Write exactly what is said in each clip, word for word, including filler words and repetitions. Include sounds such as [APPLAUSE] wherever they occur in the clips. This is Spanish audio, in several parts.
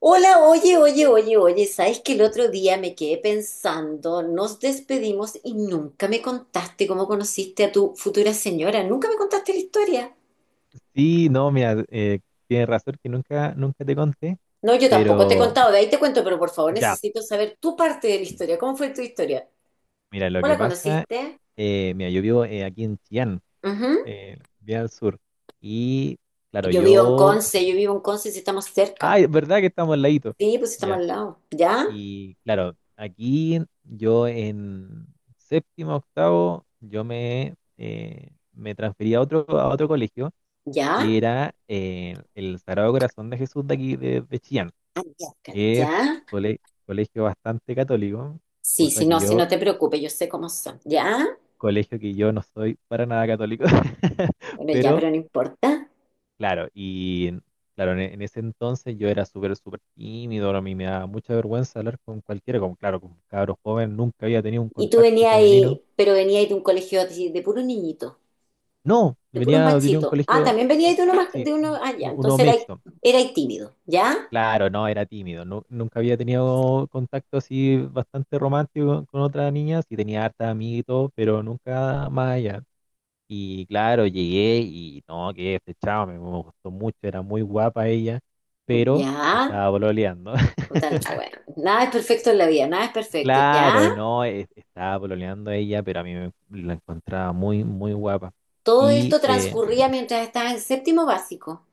Hola, oye, oye, oye, oye, ¿sabes que el otro día me quedé pensando, nos despedimos y nunca me contaste cómo conociste a tu futura señora? Nunca me contaste la historia. Sí, no, mira, eh, tienes razón que nunca, nunca te conté, No, yo tampoco te he pero contado, de ahí te cuento, pero por favor ya, necesito saber tu parte de la historia. ¿Cómo fue tu historia? mira, lo ¿Cómo que la pasa, conociste? eh, mira, yo vivo eh, aquí en Chillán, Ujú. eh, bien al sur, y claro, Yo vivo en yo, Conce, yo vivo en Conce si estamos ay, cerca. es verdad que estamos al ladito, Sí, pues estamos ya, al lado. ¿Ya? y claro, aquí yo en séptimo, octavo, yo me, eh, me transferí a otro, a otro colegio, que ¿Ya? era eh, el Sagrado Corazón de Jesús de aquí, de, de Chillán. Ah, ya, Cari, es ¿ya? cole- Colegio bastante católico, Sí, cosa si que no, si yo, no te preocupes, yo sé cómo son. ¿Ya? colegio que yo no soy para nada católico, [LAUGHS] Bueno, ya, pero pero no importa. claro, y claro, en, en ese entonces yo era súper, súper tímido, no, a mí me daba mucha vergüenza hablar con cualquiera, como claro, con cabros joven, nunca había tenido un Y tú contacto venías femenino. ahí, pero venías de un colegio de, de puros niñitos, No, de puros venía, tenía un machitos. Ah, colegio, también venías de uno más, sí, de uno allá. u- uno Entonces era, mixto. era tímido, ¿ya? Claro, no, era tímido. Nu- nunca había tenido contacto así bastante romántico con otra niña, sí tenía harta amiga y todo, pero nunca más allá. Y claro, llegué y no, quedé flechado, me, me gustó mucho, era muy guapa ella, pero Ya. estaba pololeando. [LAUGHS] Total, la wea. Nada es perfecto en la vida, nada es perfecto, ¿ya? Claro, no, e- estaba pololeando ella, pero a mí me, la encontraba muy, muy guapa. Todo Y esto eh, transcurría mientras estaba en séptimo básico.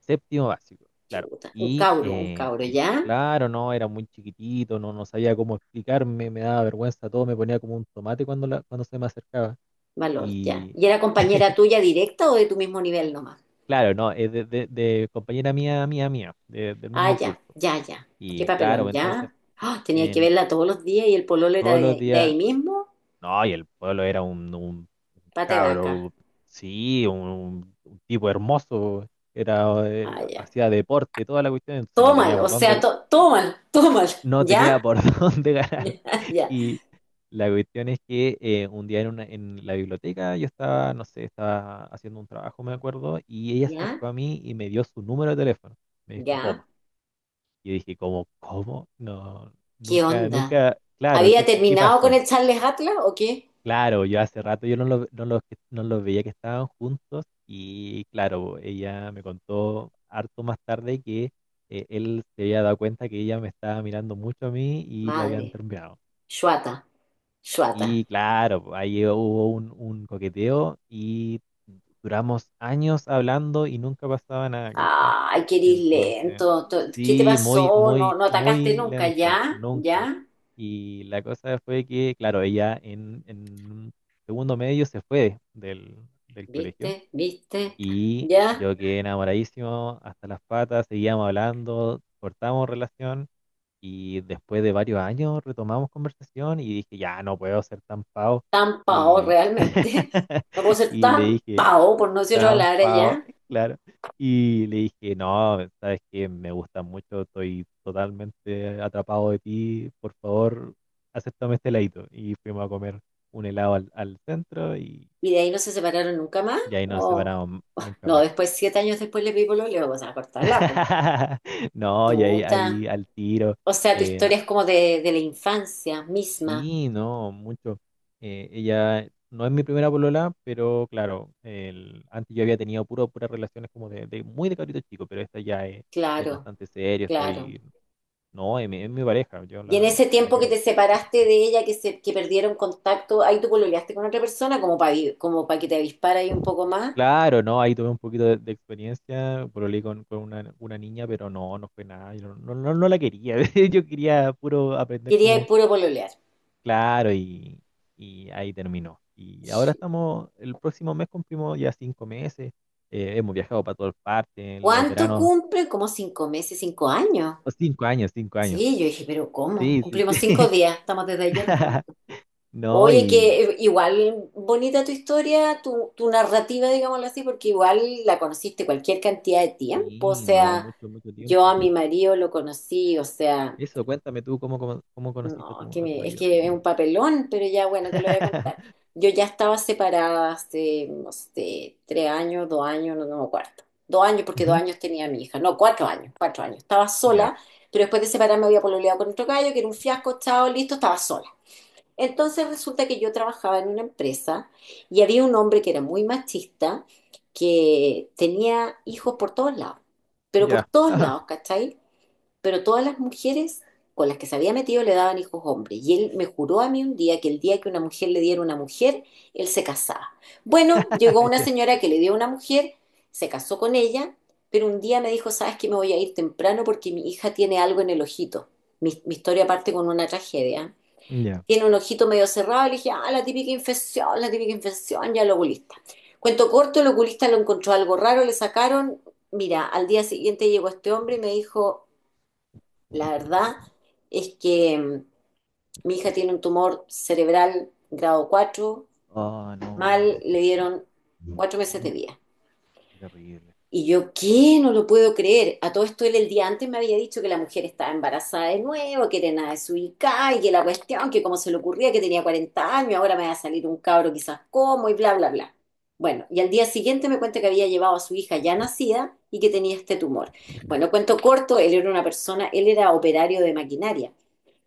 Séptimo básico, claro. Chuta, un Y cauro, un eh, cauro, ¿ya? Claro, no, era muy chiquitito, no, no sabía cómo explicarme, me daba vergüenza todo, me ponía como un tomate cuando, la, cuando se me acercaba. Valor, ya. Y ¿Y era compañera tuya directa o de tu mismo nivel nomás? claro, no, es de, de- de compañera mía, mía, mía, de- del Ah, mismo ya, curso. ya, ya. Qué Y claro, papelón, ¿ya? entonces, Ah, tenía que en verla todos los días y el pololo era todos los de, de ahí días, mismo, no, y el pueblo era un, un pate vaca. cabro, sí, un, un tipo hermoso, era, eh, Ah, ya. hacía deporte, toda la cuestión, entonces Todo no tenía mal, o por sea, dónde, to- todo mal, [LAUGHS] todo mal. no tenía ¿Ya? por [LAUGHS] dónde ganar. Ya, Y la cuestión es que eh, un día en, una- en la biblioteca yo estaba, no sé, estaba haciendo un trabajo, me acuerdo, y ella se ya, acercó a mí y me dio su número de teléfono. Me dijo, ya. toma. Y dije, ¿cómo? ¿Cómo? No, ¿Qué nunca, onda? nunca, claro, ¿Había ¿qué, qué, qué terminado con pasó? el Charles Atlas o qué? Claro, yo hace rato yo no los no los que- no los veía que estaban juntos y claro, ella me contó harto más tarde que eh, él se había dado cuenta que ella me estaba mirando mucho a mí y la Madre, habían terminado. Shuata, Shuata. Y claro, pues, ahí hubo un, un coqueteo y duramos años hablando y nunca pasaba nada, ¿cachai? Ay, qué eres Entonces, lento. to- ¿Qué te sí, muy, pasó? No, muy, no atacaste muy nunca, lento, ¿ya? nunca. ¿Ya? Y la cosa fue que, claro, ella en, en segundo medio se fue del, del colegio ¿Viste? ¿Viste? y ¿Ya? yo quedé enamoradísimo hasta las patas, seguíamos hablando, cortamos relación. Y después de varios años retomamos conversación y dije, ya no puedo ser tan pavo. Tan pao Y, realmente. [LAUGHS] No puedo [LAUGHS] ser y le tan dije, pao, por no decir otra tan palabra, pavo, ¿ya? [LAUGHS] claro. Y le dije, no, sabes que me gusta mucho, estoy totalmente atrapado de ti, por favor, acéptame este heladito. Y fuimos a comer un helado al, al centro y, ¿Y de ahí no se separaron nunca más? y ahí nos ¿O? separamos nunca No, más. después, siete años después le pido lo leo, o sea, cortarla, [LAUGHS] No, y ahí, Tuta. ahí al tiro. O sea, tu eh, historia es como de, de la infancia misma. Sí, no, mucho. Eh, ella no es mi primera polola, pero claro, el, antes yo había tenido puro, puras relaciones como de, de muy de cabrito chico, pero esta ya es, es Claro, bastante serio, claro. estoy, no, es mi, es mi pareja, yo Y en la, ese la tiempo que quiero te mucho. separaste de ella, que se, que perdieron contacto, ahí tú pololeaste con otra persona como para como para que te avispara ahí un poco más. Claro, no, ahí tuve un poquito de, de experiencia, pololeé con, con una, una niña, pero no, no fue nada, yo no, no, no la quería, [LAUGHS] yo quería puro aprender Quería ir como puro pololear. claro, y, y ahí terminó. Y ahora estamos, el próximo mes cumplimos ya cinco meses. Eh, hemos viajado para todas partes, en los ¿Cuánto veranos, cumple? Como cinco meses, cinco años. oh, cinco años, cinco años. Sí, yo dije, pero ¿cómo? Sí, sí, Cumplimos cinco sí. días, estamos desde ayer [LAUGHS] juntos. No, Oye, que y eh, igual bonita tu historia, tu, tu narrativa, digámoslo así, porque igual la conociste cualquier cantidad de tiempo. O sí, no, sea, mucho, mucho yo tiempo. a mi marido lo conocí, o sea, Eso, cuéntame tú cómo, cómo cómo conociste a no, tu, que a tu me- es marido. que es un papelón, pero ya bueno, te lo voy a contar. [LAUGHS] Yo ya estaba separada hace, no sé, tres años, dos años, no, no me acuerdo. Dos años, porque dos Ujú, años tenía a mi hija. No, cuatro años, cuatro años. Estaba ya, sola, pero después de separarme había pololeado con otro gallo, que era un fiasco, chao, listo, estaba sola. Entonces resulta que yo trabajaba en una empresa y había un hombre que era muy machista, que tenía hijos por todos lados, pero por ya, todos [LAUGHS] lados, ¿cachai? Pero todas las mujeres con las que se había metido le daban hijos hombres. Y él me juró a mí un día que el día que una mujer le diera una mujer, él se casaba. Bueno, llegó una ya, señora que le dio una mujer, se casó con ella, pero un día me dijo, ¿sabes que me voy a ir temprano porque mi hija tiene algo en el ojito? Mi, mi historia parte con una tragedia, ya. tiene un ojito medio cerrado, le dije, ah, la típica infección, la típica infección, ya el oculista. Cuento corto, el oculista lo encontró algo raro, le sacaron, mira, al día siguiente llegó este hombre y me dijo, la verdad es que mm, mi hija tiene un tumor cerebral grado cuatro, Oh, no. mal, le dieron cuatro meses de vida. Qué terrible. Y yo, ¿qué? No lo puedo creer. A todo esto él el día antes me había dicho que la mujer estaba embarazada de nuevo, que era nada desubicada y que la cuestión, que cómo se le ocurría, que tenía cuarenta años, ahora me va a salir un cabro quizás como y bla, bla, bla. Bueno, y al día siguiente me cuenta que había llevado a su hija ya nacida y que tenía este tumor. Bueno, cuento corto, él era una persona, él era operario de maquinaria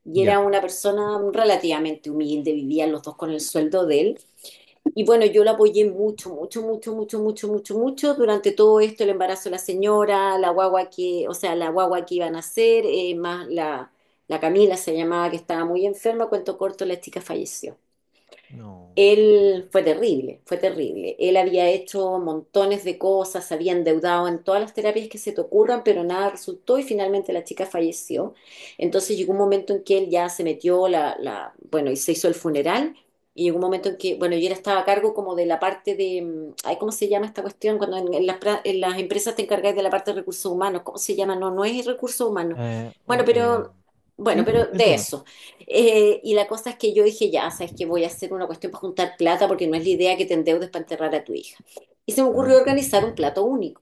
y era Ya, una persona relativamente humilde, vivían los dos con el sueldo de él, y bueno, yo la apoyé mucho, mucho, mucho, mucho, mucho, mucho, mucho durante todo esto, el embarazo de la señora, la guagua que, o sea, la guagua que iba a nacer, eh, más la, la Camila se llamaba, que estaba muy enferma, cuento corto, la chica falleció. no. Él fue terrible, fue terrible. Él había hecho montones de cosas, se había endeudado en todas las terapias que se te ocurran, pero nada resultó y finalmente la chica falleció. Entonces llegó un momento en que él ya se metió la, la, bueno, y se hizo el funeral. Y llegó un momento en que, bueno, yo era estaba a cargo como de la parte de, mm, ay, ¿cómo se llama esta cuestión? Cuando en, en las, pra- en las empresas te encargáis de la parte de recursos humanos, ¿cómo se llama? No, no es recursos humanos. Eh, Bueno, oh, em, pero, bueno, sí, pero te de entiendo. eso. Eh, y la cosa es que yo dije, ya, sabes que voy a hacer una cuestión para juntar plata porque no es la idea que te endeudes para enterrar a tu hija. Y se me ocurrió Claro. organizar un plato único.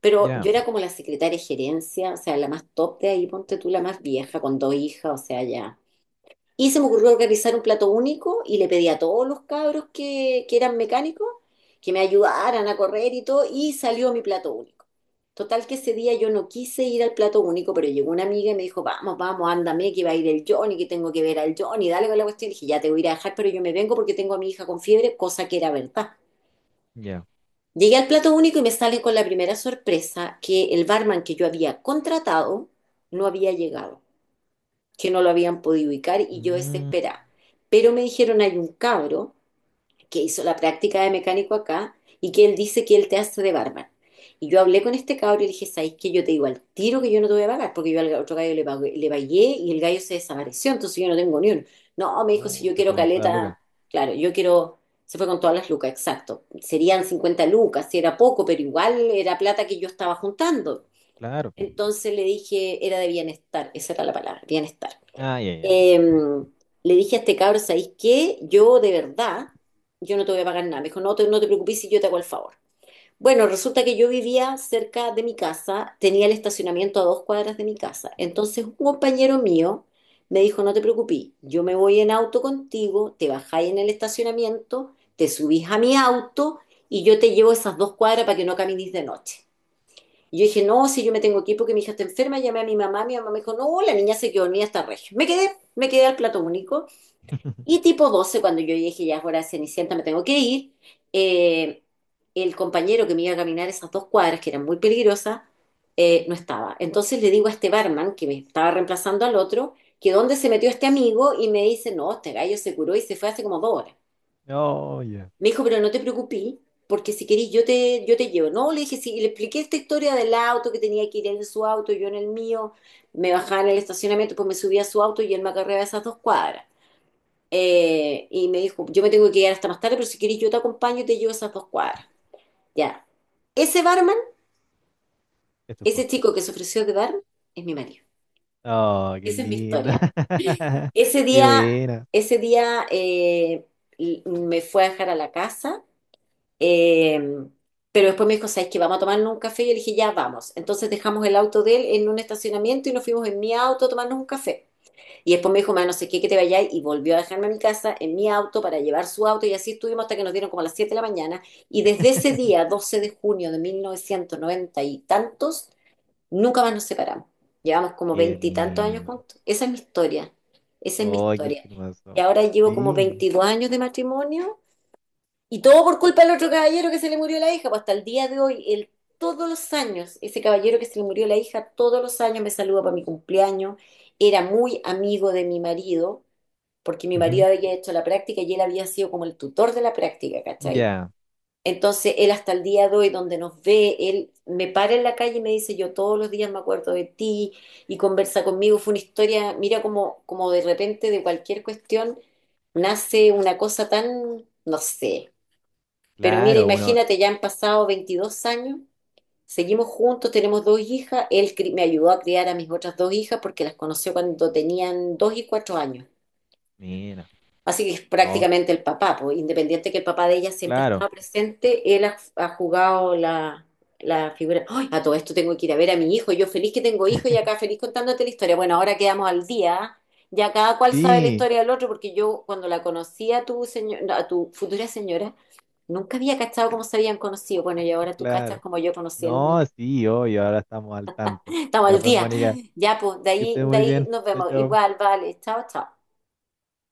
Pero Ya, yo era como la secretaria de gerencia, o sea, la más top de ahí, ponte tú la más vieja, con dos hijas, o sea, ya. Y se me ocurrió organizar un plato único y le pedí a todos los cabros que, que eran mecánicos que me ayudaran a correr y todo, y salió mi plato único. Total que ese día yo no quise ir al plato único, pero llegó una amiga y me dijo, vamos, vamos, ándame, que va a ir el Johnny, que tengo que ver al Johnny, dale con la cuestión. Y dije, ya te voy a ir a dejar, pero yo me vengo porque tengo a mi hija con fiebre, cosa que era verdad. ya. Llegué al plato único y me salen con la primera sorpresa que el barman que yo había contratado no había llegado, que no lo habían podido ubicar, y yo Mm, desesperada. Pero me dijeron, hay un cabro que hizo la práctica de mecánico acá y que él dice que él te hace de barman. Y yo hablé con este cabro y le dije, ¿sabes qué? Yo te digo al tiro que yo no te voy a pagar, porque yo al otro gallo le, pagué- le pagué y el gallo se desapareció, entonces yo no tengo ni uno. No, me dijo, si oh, yo se quiero fue con toda Lucas. caleta, claro, yo quiero, se fue con todas las lucas, exacto. Serían cincuenta lucas, si era poco, pero igual era plata que yo estaba juntando. Claro. Entonces le dije, era de bienestar, esa era la palabra, bienestar. Ah, ya, ya, vale. Eh, Le dije a este cabro, ¿sabéis qué? Yo de verdad, yo no te voy a pagar nada. Me dijo, no te, no te preocupes, si yo te hago el favor. Bueno, resulta que yo vivía cerca de mi casa, tenía el estacionamiento a dos cuadras de mi casa. Entonces un compañero mío me dijo, no te preocupes, yo me voy en auto contigo, te bajáis en el estacionamiento, te subís a mi auto y yo te llevo esas dos cuadras para que no camines de noche. Y yo dije, no, si yo me tengo que ir porque mi hija está enferma, llamé a mi mamá, mi mamá me dijo, no, la niña se quedó dormida hasta regio. Me quedé, me quedé al plato único. Y [LAUGHS] tipo doce cuando yo dije, ya es hora de Cenicienta, me tengo que ir, eh, el compañero que me iba a caminar esas dos cuadras, que eran muy peligrosas, eh, no estaba. Entonces le digo a este barman, que me estaba reemplazando al otro, que dónde se metió este amigo, y me dice, no, este gallo se curó y se fue hace como dos horas. Oh, ya. Me dijo, pero no te preocupes, porque si querís yo te, yo te llevo. No, le dije, sí, y le expliqué esta historia del auto, que tenía que ir en su auto, yo en el mío, me bajaba en el estacionamiento, pues me subía a su auto y él me acarreaba esas dos cuadras. Eh, y me dijo, yo me tengo que quedar hasta más tarde, pero si querís yo te acompaño y te llevo esas dos cuadras. Ya. Ese barman, Esto es tu ese posta. chico que se ofreció de barman, es mi marido. Oh, qué Esa es mi linda. historia. [LAUGHS] Ese Qué día, buena. ese día eh, me fue a dejar a la casa. Eh, pero después me dijo, ¿sabes qué? Vamos a tomarnos un café. Y yo le dije, ya vamos. Entonces dejamos el auto de él en un estacionamiento y nos fuimos en mi auto a tomarnos un café. Y después me dijo, ma, no sé qué, que te vayas. Y volvió a dejarme a mi casa en mi auto para llevar su auto. Y así estuvimos hasta que nos dieron como a las siete de la mañana. Y desde ese día, [LAUGHS] doce de junio de mil novecientos noventa y tantos, nunca más nos separamos. Llevamos como Qué veintitantos años lindo. juntos. Esa es mi historia. Esa es mi Oh, qué historia. Y hermoso. ahora llevo como Sí. veintidós años de matrimonio y todo por culpa del otro caballero que se le murió la hija, pues hasta el día de hoy, él todos los años, ese caballero que se le murió la hija, todos los años me saluda para mi cumpleaños, era muy amigo de mi marido, porque mi marido Ujú. había hecho la práctica y él había sido como el tutor de la práctica, ¿cachai? Ya, Entonces él hasta el día de hoy, donde nos ve, él me para en la calle y me dice, yo todos los días me acuerdo de ti y conversa conmigo. Fue una historia, mira como, como de repente de cualquier cuestión nace una cosa tan, no sé, pero mira, claro, uno. imagínate, ya han pasado veintidós años, seguimos juntos, tenemos dos hijas, él cri- me ayudó a criar a mis otras dos hijas porque las conoció cuando tenían dos y cuatro años. Mira, Así que es no, prácticamente el papá, pues, independiente que el papá de ella siempre ha claro. estado presente, él ha, ha jugado la, la figura. ¡Ay! A todo esto tengo que ir a ver a mi hijo, yo feliz que tengo hijo y acá [LAUGHS] feliz contándote la historia. Bueno, ahora quedamos al día, ¿ah? Ya cada cual sabe la Sí, historia del otro porque yo cuando la conocí a tu señor, a tu futura señora, nunca había cachado cómo se habían conocido. Bueno, y ahora tú cachas claro. como yo conocí el mío. No, sí, obvio, ahora estamos al tanto. Estamos Ya al pues, día. Mónica, Ya, pues, de que ahí, estés de muy ahí bien. nos Chao, vemos. chao. Igual, vale. Chao, chao.